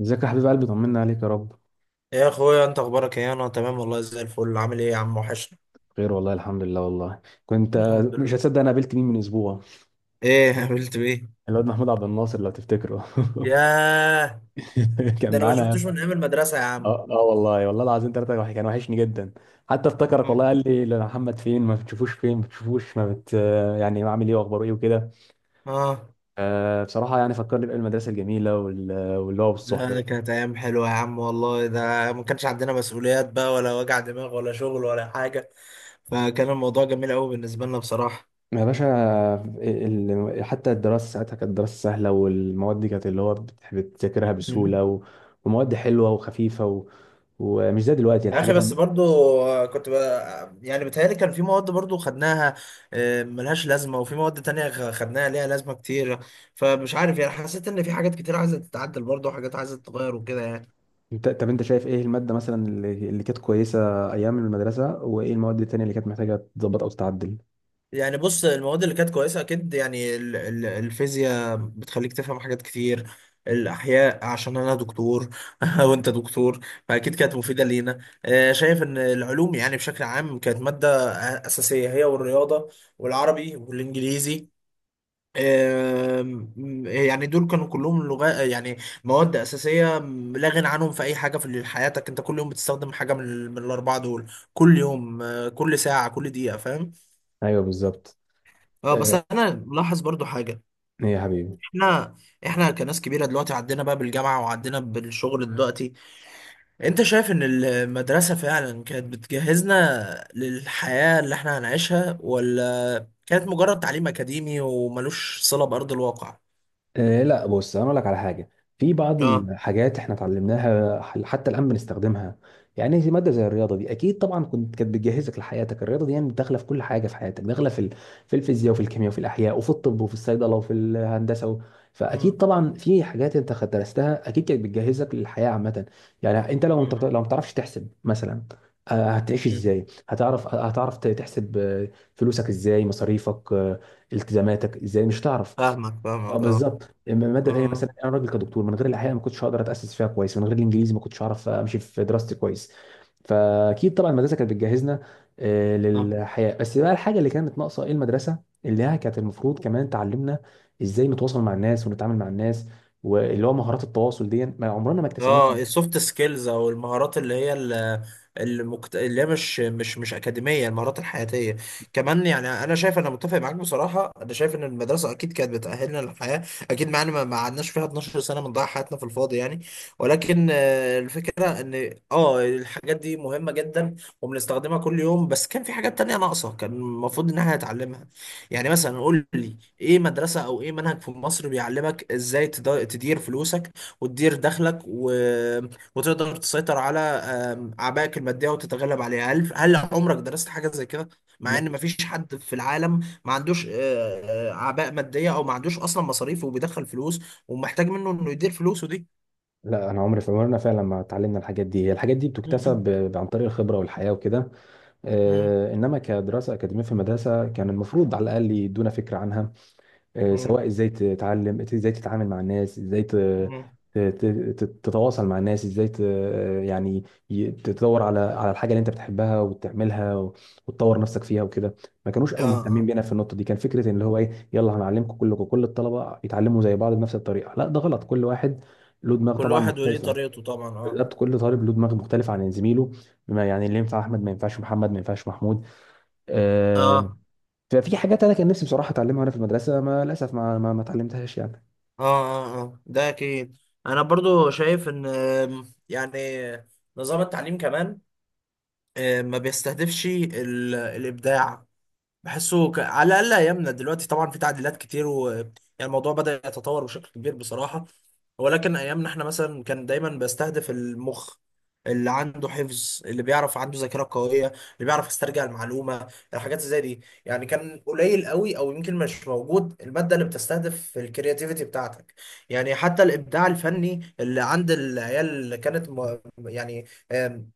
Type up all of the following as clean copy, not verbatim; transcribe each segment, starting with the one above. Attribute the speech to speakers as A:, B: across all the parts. A: ازيك يا حبيب قلبي؟ طمنا عليك يا رب.
B: يا اخويا، انت اخبارك ايه؟ انا تمام والله زي الفل. عامل ايه يا عم؟ وحشنا.
A: خير والله، الحمد لله. والله كنت،
B: الحمد
A: مش
B: لله.
A: هتصدق، انا قابلت مين من اسبوع؟
B: ايه قابلت بايه؟
A: الواد محمود عبد الناصر، لو تفتكره.
B: ياه.
A: كان
B: ده انا ما
A: معانا يا
B: شفتوش
A: اسطى.
B: من ايام المدرسه يا
A: اه
B: عم.
A: آه، والله والله العظيم، ثلاثة كان وحشني جدا. حتى افتكرك والله،
B: مم.
A: قال لي: لا، محمد فين ما بتشوفوش، فين ما بتشوفوش، ما بت يعني عامل ايه واخباره ايه وكده.
B: اه.
A: بصراحة يعني فكرني بأيام المدرسة الجميلة واللي هو
B: لا، ده
A: بالصحبة.
B: كانت ايام حلوه يا عم والله، ده ما كانش عندنا مسؤوليات بقى ولا وجع دماغ ولا شغل ولا حاجه، فكان الموضوع جميل قوي بالنسبه لنا بصراحه.
A: يا باشا. حتى الدراسة ساعتها كانت دراسة سهلة، والمواد دي كانت اللي هو بتذاكرها بسهولة ومواد حلوة وخفيفة ومش زي دلوقتي
B: يا اخي،
A: الحاجات
B: بس برضو آه، كنت ب... يعني بتهيألي كان في مواد برضو خدناها ملهاش لازمة، وفي مواد تانية خدناها ليها لازمة كتير. فمش عارف يعني، حسيت ان في حاجات كتير عايزة تتعدل برضو وحاجات عايزة تتغير وكده يعني.
A: طب انت شايف ايه المادة مثلا اللي كانت كويسة ايام المدرسة، وايه المواد التانية اللي كانت محتاجة تتظبط او تتعدل؟
B: يعني بص، المواد اللي كانت كويسة اكيد، يعني الفيزياء بتخليك تفهم حاجات كتير، الاحياء عشان انا دكتور وانت دكتور، فاكيد كانت مفيدة لينا. شايف ان العلوم يعني بشكل عام كانت مادة اساسية، هي والرياضة والعربي والانجليزي. آم، يعني دول كانوا كلهم لغات يعني، مواد أساسية لا غنى عنهم في أي حاجة في حياتك. أنت كل يوم بتستخدم حاجة من الأربعة دول كل يوم، كل ساعة كل دقيقة، فاهم؟
A: ايوه بالظبط.
B: اه، بس
A: آه،
B: أنا ملاحظ برضو حاجة.
A: ايه يا حبيبي؟
B: احنا احنا كناس كبيرة دلوقتي، عدينا بقى بالجامعة وعدينا بالشغل دلوقتي. أنت شايف إن المدرسة فعلا كانت بتجهزنا للحياة اللي احنا هنعيشها، ولا كانت مجرد تعليم أكاديمي وملوش صلة بأرض الواقع؟
A: آه، لا بص، انا اقول لك على حاجه. في بعض
B: اه.
A: الحاجات احنا اتعلمناها حتى الان بنستخدمها. يعني زي ماده زي الرياضه دي، اكيد طبعا كانت بتجهزك لحياتك. الرياضه دي يعني داخله في كل حاجه في حياتك، داخله في الفيزياء وفي الكيمياء وفي الاحياء وفي الطب وفي الصيدله وفي الهندسه فاكيد طبعا في حاجات انت درستها، اكيد كانت بتجهزك للحياه عامه. يعني انت لو انت
B: مم.
A: لو ما بتعرفش تحسب مثلا، هتعيش
B: مم.
A: ازاي؟ هتعرف، هتعرف تحسب، فلوسك ازاي؟ مصاريفك، التزاماتك ازاي؟ مش هتعرف.
B: فاهمك
A: اه
B: فاهمك، اه.
A: بالظبط. اما ماده تانيه مثلا،
B: مم.
A: انا راجل كدكتور، من غير الاحياء ما كنتش هقدر اتاسس فيها كويس، من غير الانجليزي ما كنتش هعرف امشي في دراستي كويس. فاكيد طبعا المدرسه كانت بتجهزنا
B: آه.
A: للحياه. بس بقى الحاجه اللي كانت ناقصه ايه؟ المدرسه اللي هي كانت المفروض كمان تعلمنا ازاي نتواصل مع الناس ونتعامل مع الناس، واللي هو مهارات التواصل دي ما عمرنا ما اكتسبناها.
B: اه، السوفت سكيلز او المهارات اللي هي مش اكاديميه، المهارات الحياتيه كمان يعني. انا شايف، انا متفق معاك بصراحه، انا شايف ان المدرسه اكيد كانت بتاهلنا للحياه، اكيد معانا، ما قعدناش فيها 12 سنه بنضيع حياتنا في الفاضي يعني. ولكن الفكره ان اه الحاجات دي مهمه جدا وبنستخدمها كل يوم، بس كان في حاجات تانية ناقصه كان المفروض ان احنا نتعلمها. يعني مثلا قول لي ايه مدرسه او ايه منهج في مصر بيعلمك ازاي تدير فلوسك وتدير دخلك و... وتقدر تسيطر على عبائك المادية وتتغلب عليها؟ هل هل عمرك درست حاجة زي كده؟ مع
A: لا.
B: ان مفيش حد في العالم ما عندوش عباء مادية، او ما عندوش اصلا مصاريف وبيدخل فلوس ومحتاج منه انه يدير فلوسه دي.
A: لا، انا عمري في عمرنا فعلا ما اتعلمنا الحاجات دي. هي الحاجات دي
B: م-
A: بتكتسب
B: م-
A: عن طريق الخبره والحياه وكده.
B: م-
A: انما كدراسه اكاديميه في المدرسه، كان المفروض على الاقل يدونا فكره عنها. سواء
B: م-
A: ازاي تتعلم، ازاي تتعامل مع الناس، ازاي
B: م.
A: تتواصل مع الناس، ازاي يعني تدور على على الحاجه اللي انت بتحبها وتعملها وتطور نفسك فيها وكده. ما كانوش
B: اه،
A: قوي مهتمين
B: اه.
A: بينا في النقطه دي. كان فكره ان هو ايه، يلا هنعلمكم كلكم، كل الطلبه يتعلموا زي بعض بنفس الطريقه. لا، ده غلط. كل واحد له دماغ
B: كل
A: طبعا
B: واحد وليه
A: مختلفه.
B: طريقته طبعا اه.
A: بالظبط، كل طالب له دماغ مختلف عن زميله. بما يعني اللي ينفع احمد ما ينفعش محمد، ما ينفعش محمود. آه،
B: اه
A: ففي حاجات انا كان نفسي بصراحه اتعلمها وانا في المدرسه، ما للاسف ما اتعلمتهاش يعني.
B: اه اه اه. ده اكيد. انا برضو شايف ان يعني نظام التعليم كمان، ما بيستهدفش الابداع. على الاقل ايامنا دلوقتي طبعا في تعديلات كتير و يعني الموضوع بدأ يتطور بشكل كبير بصراحة. ولكن ايامنا احنا مثلا كان دايما بستهدف المخ اللي عنده حفظ، اللي بيعرف عنده ذاكرة قوية، اللي بيعرف يسترجع المعلومة. الحاجات زي دي يعني كان قليل قوي او يمكن مش موجود المادة اللي بتستهدف الكرياتيفيتي بتاعتك. يعني حتى الابداع الفني اللي عند العيال يعني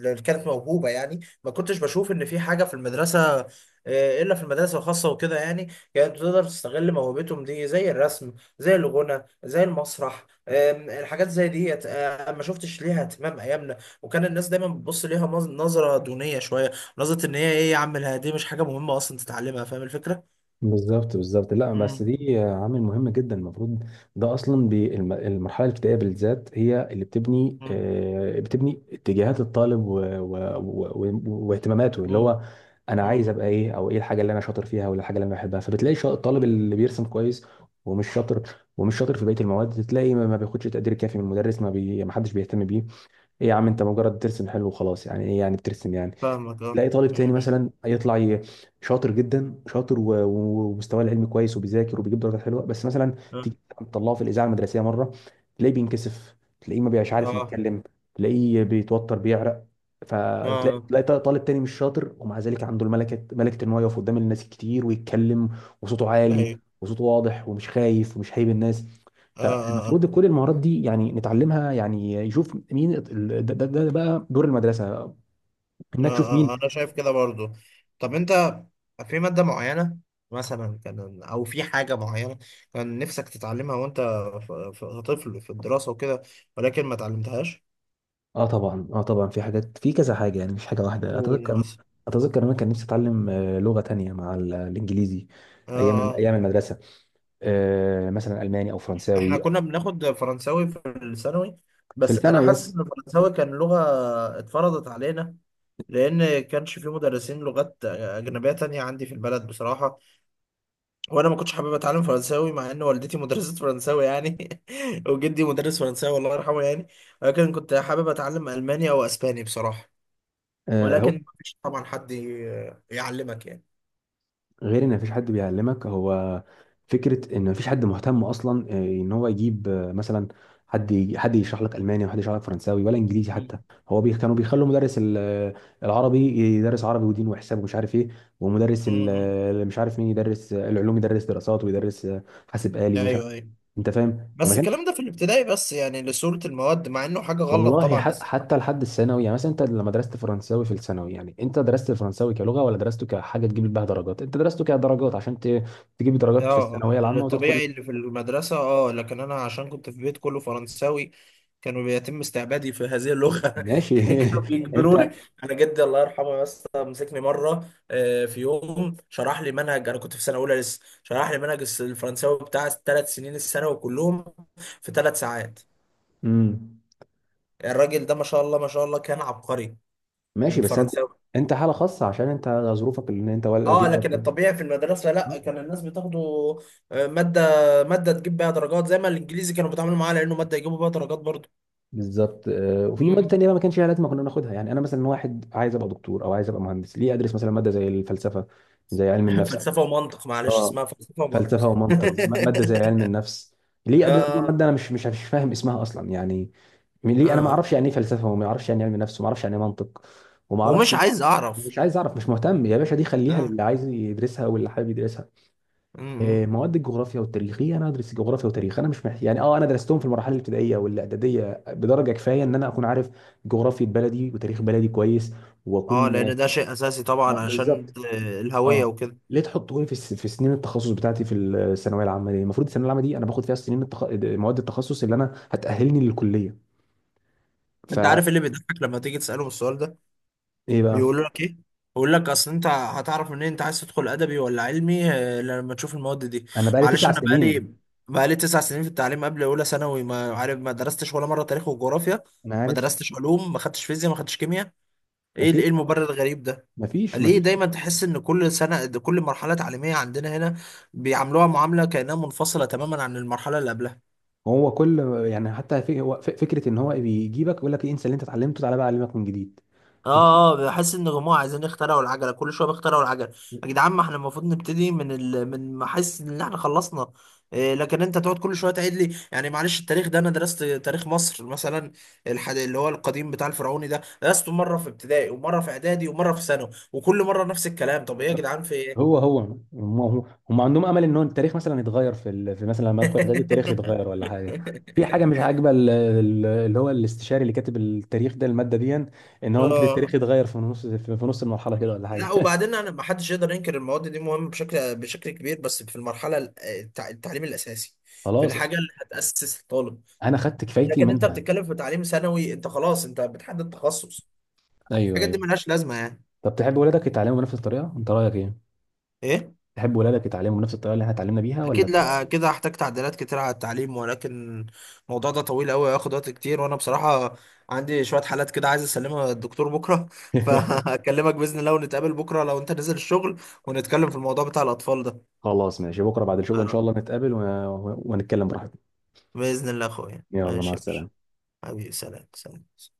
B: اللي كانت موهوبة يعني، ما كنتش بشوف ان في حاجة في المدرسة، الا في المدارس الخاصه وكده يعني، كانت تقدر تستغل موهبتهم دي، زي الرسم زي الغنى زي المسرح. الحاجات زي ديت ما شفتش ليها اهتمام ايامنا، وكان الناس دايما بتبص ليها نظره دونيه شويه. نظره ان هي ايه يا عم دي مش حاجه مهمه اصلا تتعلمها، فاهم الفكره؟
A: بالظبط بالظبط. لا، بس
B: مم.
A: دي عامل مهم جدا. المفروض ده اصلا المرحله الابتدائيه بالذات هي اللي بتبني،
B: مم.
A: بتبني اتجاهات الطالب واهتماماته. اللي
B: مم.
A: هو انا عايز
B: مم.
A: ابقى ايه؟ او ايه الحاجه اللي انا شاطر فيها؟ ولا الحاجه اللي انا بحبها؟ فبتلاقي الطالب
B: مم.
A: اللي بيرسم كويس ومش شاطر، ومش شاطر في بقيه المواد، تلاقي ما بياخدش تقدير كافي من المدرس، ما حدش بيهتم بيه. ايه يا عم، انت مجرد ترسم حلو وخلاص، يعني ايه يعني بترسم يعني.
B: فاهمك اه.
A: تلاقي طالب تاني
B: مم.
A: مثلا يطلع شاطر جدا، شاطر، و- و- ومستواه العلمي كويس، وبيذاكر وبيجيب درجات حلوه، بس مثلا
B: اه،
A: تيجي تطلعه في الاذاعه المدرسيه مره، تلاقيه بينكسف، تلاقيه ما بيبقاش عارف
B: اه،
A: يتكلم، تلاقيه بيتوتر، بيعرق.
B: اه.
A: فتلاقي
B: آه.
A: تلاقي طالب تاني مش شاطر، ومع ذلك عنده الملكه، ملكه ان هو يقف قدام الناس كتير ويتكلم، وصوته عالي،
B: ايوه،
A: وصوته واضح، ومش خايف، ومش هايب الناس.
B: اه، اه.
A: فالمفروض كل المهارات دي يعني نتعلمها، يعني يشوف مين ده بقى دور المدرسه، انك تشوف مين.
B: انا شايف كده برضو. طب انت في مادة معينة مثلا كان، او في حاجة معينة كان نفسك تتعلمها وانت طفل في الدراسة وكده، ولكن ما اتعلمتهاش.
A: اه طبعا، اه طبعا في حاجات، في كذا حاجه يعني مش حاجه واحده.
B: قول
A: اتذكر،
B: مثلا.
A: اتذكر إن انا كان نفسي اتعلم لغه تانية مع الانجليزي
B: اه.
A: ايام
B: آه.
A: ايام المدرسه. مثلا الماني او
B: احنا
A: فرنساوي.
B: كنا بناخد فرنساوي في الثانوي،
A: في
B: بس انا
A: الثانوي
B: حاسس
A: بس.
B: ان الفرنساوي كان لغة اتفرضت علينا، لان كانش في مدرسين لغات اجنبية تانية عندي في البلد بصراحة. وانا ما كنتش حابب اتعلم فرنساوي، مع ان والدتي مدرسة فرنساوي يعني وجدي مدرس فرنساوي الله يرحمه يعني. ولكن كنت حابب اتعلم الماني او اسباني بصراحة.
A: هو
B: ولكن ما فيش طبعا حد يعلمك يعني.
A: غير ان مفيش حد بيعلمك، هو فكره ان مفيش حد مهتم اصلا، ان هو يجيب مثلا حد حد يشرح لك الماني، وحد يشرح لك فرنساوي ولا انجليزي حتى.
B: مم.
A: هو كانوا بيخلوا مدرس العربي يدرس عربي ودين وحساب ومش عارف ايه، ومدرس
B: مم.
A: مش عارف مين، يدرس العلوم، يدرس دراسات، ويدرس حاسب آلي ومش عارف.
B: ايوه، ايوه.
A: انت فاهم، فما
B: بس
A: كانش.
B: الكلام ده في الابتدائي بس يعني لصورة المواد، مع انه حاجة غلط
A: والله
B: طبعا بس.
A: حتى لحد الثانوي. يعني مثلا انت لما درست فرنساوي في الثانوي، يعني انت درست الفرنساوي كلغه، ولا درسته كحاجه تجيب بيها درجات؟ انت درسته كدرجات عشان تجيب
B: اه،
A: درجات في الثانويه
B: اه
A: العامه وتدخل.
B: الطبيعي اللي في المدرسة، اه لكن انا عشان كنت في بيت كله فرنساوي، كانوا بيتم استعبادي في هذه اللغة
A: ماشي.
B: كانوا بيجبروني.
A: انت
B: انا جدي الله يرحمه بس مسكني مرة، في يوم شرح لي منهج، انا كنت في سنة اولى لسه، شرح لي منهج الفرنساوي بتاع الـ3 سنين الثانوي كلهم في 3 ساعات.
A: امم
B: الراجل ده ما شاء الله ما شاء الله كان عبقري
A: ماشي، بس انت،
B: فرنساوي.
A: انت حاله خاصه عشان انت، ظروفك، ان انت ولا
B: اه
A: جدك.
B: لكن الطبيعي في المدرسه
A: آه،
B: لا، كان الناس بتاخده ماده، ماده تجيب بيها درجات زي ما الانجليزي كانوا بيتعاملوا معاه لانه ماده يجيبوا بيها درجات برضه.
A: بالظبط. وفي مواد
B: مم.
A: تانية بقى ما كانش ليها لازمه كنا ناخدها. يعني انا مثلا، واحد عايز ابقى دكتور او عايز ابقى مهندس، ليه ادرس مثلا ماده زي الفلسفه زي علم النفس؟
B: فلسفه ومنطق معلش
A: اه،
B: اسمها فلسفه
A: فلسفه
B: ومنطق
A: ومنطق، ماده زي علم النفس. ليه ادرس اصلا
B: اه.
A: ماده انا مش فاهم اسمها اصلا يعني؟ ليه انا ما
B: اه،
A: اعرفش يعني ايه فلسفه، وما اعرفش يعني إيه علم نفس، وما اعرفش يعني ايه منطق، وما
B: ومش
A: اعرفش.
B: عايز اعرف.
A: مش عايز اعرف، مش مهتم يا باشا، دي خليها
B: اه.
A: للي عايز يدرسها واللي حابب يدرسها.
B: مم.
A: مواد الجغرافيا والتاريخيه، انا ادرس الجغرافيا والتاريخ؟ انا مش محتاج يعني. اه انا درستهم في المراحل الابتدائيه والاعداديه بدرجه كفايه، ان انا اكون عارف جغرافيا بلدي وتاريخ بلدي كويس،
B: اه
A: واكون.
B: لان ده شيء اساسي
A: آه،
B: طبعا عشان
A: بالظبط.
B: الهويه
A: اه،
B: وكده.
A: ليه تحطوني في سنين التخصص بتاعتي في الثانويه العامه دي؟ المفروض الثانويه العامه دي انا باخد فيها سنين مواد التخصص اللي انا هتاهلني للكليه.
B: انت
A: فايه
B: عارف إيه اللي بيضحك لما تيجي تساله السؤال ده؟
A: بقى؟
B: بيقول لك ايه؟ بيقول لك اصل انت هتعرف منين انت عايز تدخل ادبي ولا علمي لما تشوف المواد دي.
A: انا بقى لي
B: معلش
A: تسع
B: انا
A: سنين
B: بقالي بقالي 9 سنين في التعليم قبل اولى ثانوي ما عارف، ما درستش ولا مره تاريخ وجغرافيا،
A: انا
B: ما
A: عارف.
B: درستش علوم، ما خدتش فيزياء، ما خدتش كيمياء. ايه
A: اكيد
B: ايه
A: طبعا،
B: المبرر الغريب ده؟
A: مفيش،
B: ليه
A: مفيش.
B: دايما تحس ان كل سنه كل مرحله تعليميه عندنا هنا بيعاملوها معامله كانها منفصله تماما عن المرحله اللي قبلها؟
A: هو كل، يعني حتى في... هو فكره ان هو بيجيبك يقول لك إيه، انسى اللي انت اتعلمته، تعالى بقى اعلمك من جديد. مفيش.
B: اه، اه، بحس ان جماعه عايزين يخترعوا العجله، كل شويه بيخترعوا العجله. يا جدعان، ما احنا المفروض نبتدي من ال... من، ما احس ان احنا خلصنا. إيه، لكن انت تقعد كل شويه تعيد لي يعني معلش. التاريخ ده انا درست تاريخ مصر مثلا، اللي هو القديم بتاع الفرعوني ده درسته مره في ابتدائي ومره في اعدادي ومره في ثانوي، وكل مره نفس الكلام. طب ايه يا جدعان في ايه؟
A: هو هو هم هم هم عندهم امل ان هو التاريخ مثلا يتغير في ال... في مثلا لما ادخل اعدادي التاريخ يتغير ولا حاجه؟ في حاجه مش عاجبه اللي هو الاستشاري، اللي كاتب التاريخ ده، الماده دي، ان هو ممكن التاريخ
B: اه،
A: يتغير في نص، في نص المرحله كده، ولا حاجه.
B: لا وبعدين انا، ما حدش يقدر ينكر المواد دي مهمه بشكل كبير، بس في المرحله التعليم الاساسي، في
A: خلاص،
B: الحاجه اللي هتاسس الطالب.
A: انا خدت كفايتي
B: لكن انت
A: منها.
B: بتتكلم في تعليم ثانوي، انت خلاص انت بتحدد تخصص،
A: ايوه
B: الحاجات
A: ايوه.
B: دي ملهاش لازمه يعني.
A: طب تحب ولادك يتعلموا بنفس الطريقه؟ انت رايك ايه؟
B: ايه.
A: تحب ولادك يتعلموا بنفس الطريقه اللي احنا اتعلمنا بيها ولا؟
B: اكيد لا، كده هحتاج تعديلات كتير على التعليم، ولكن الموضوع ده طويل قوي هياخد وقت كتير، وانا بصراحه عندي شويه حالات كده عايز اسلمها للدكتور بكره فهكلمك باذن الله، ونتقابل بكره لو انت نزل الشغل، ونتكلم في الموضوع بتاع الاطفال ده.
A: خلاص ماشي، بكره بعد الشغل ان شاء
B: آه،
A: الله نتقابل ونتكلم براحتنا.
B: باذن الله يا اخويا.
A: يلا، مع
B: ماشي يا باشا.
A: السلامه.
B: حبيبي سلام، سلام.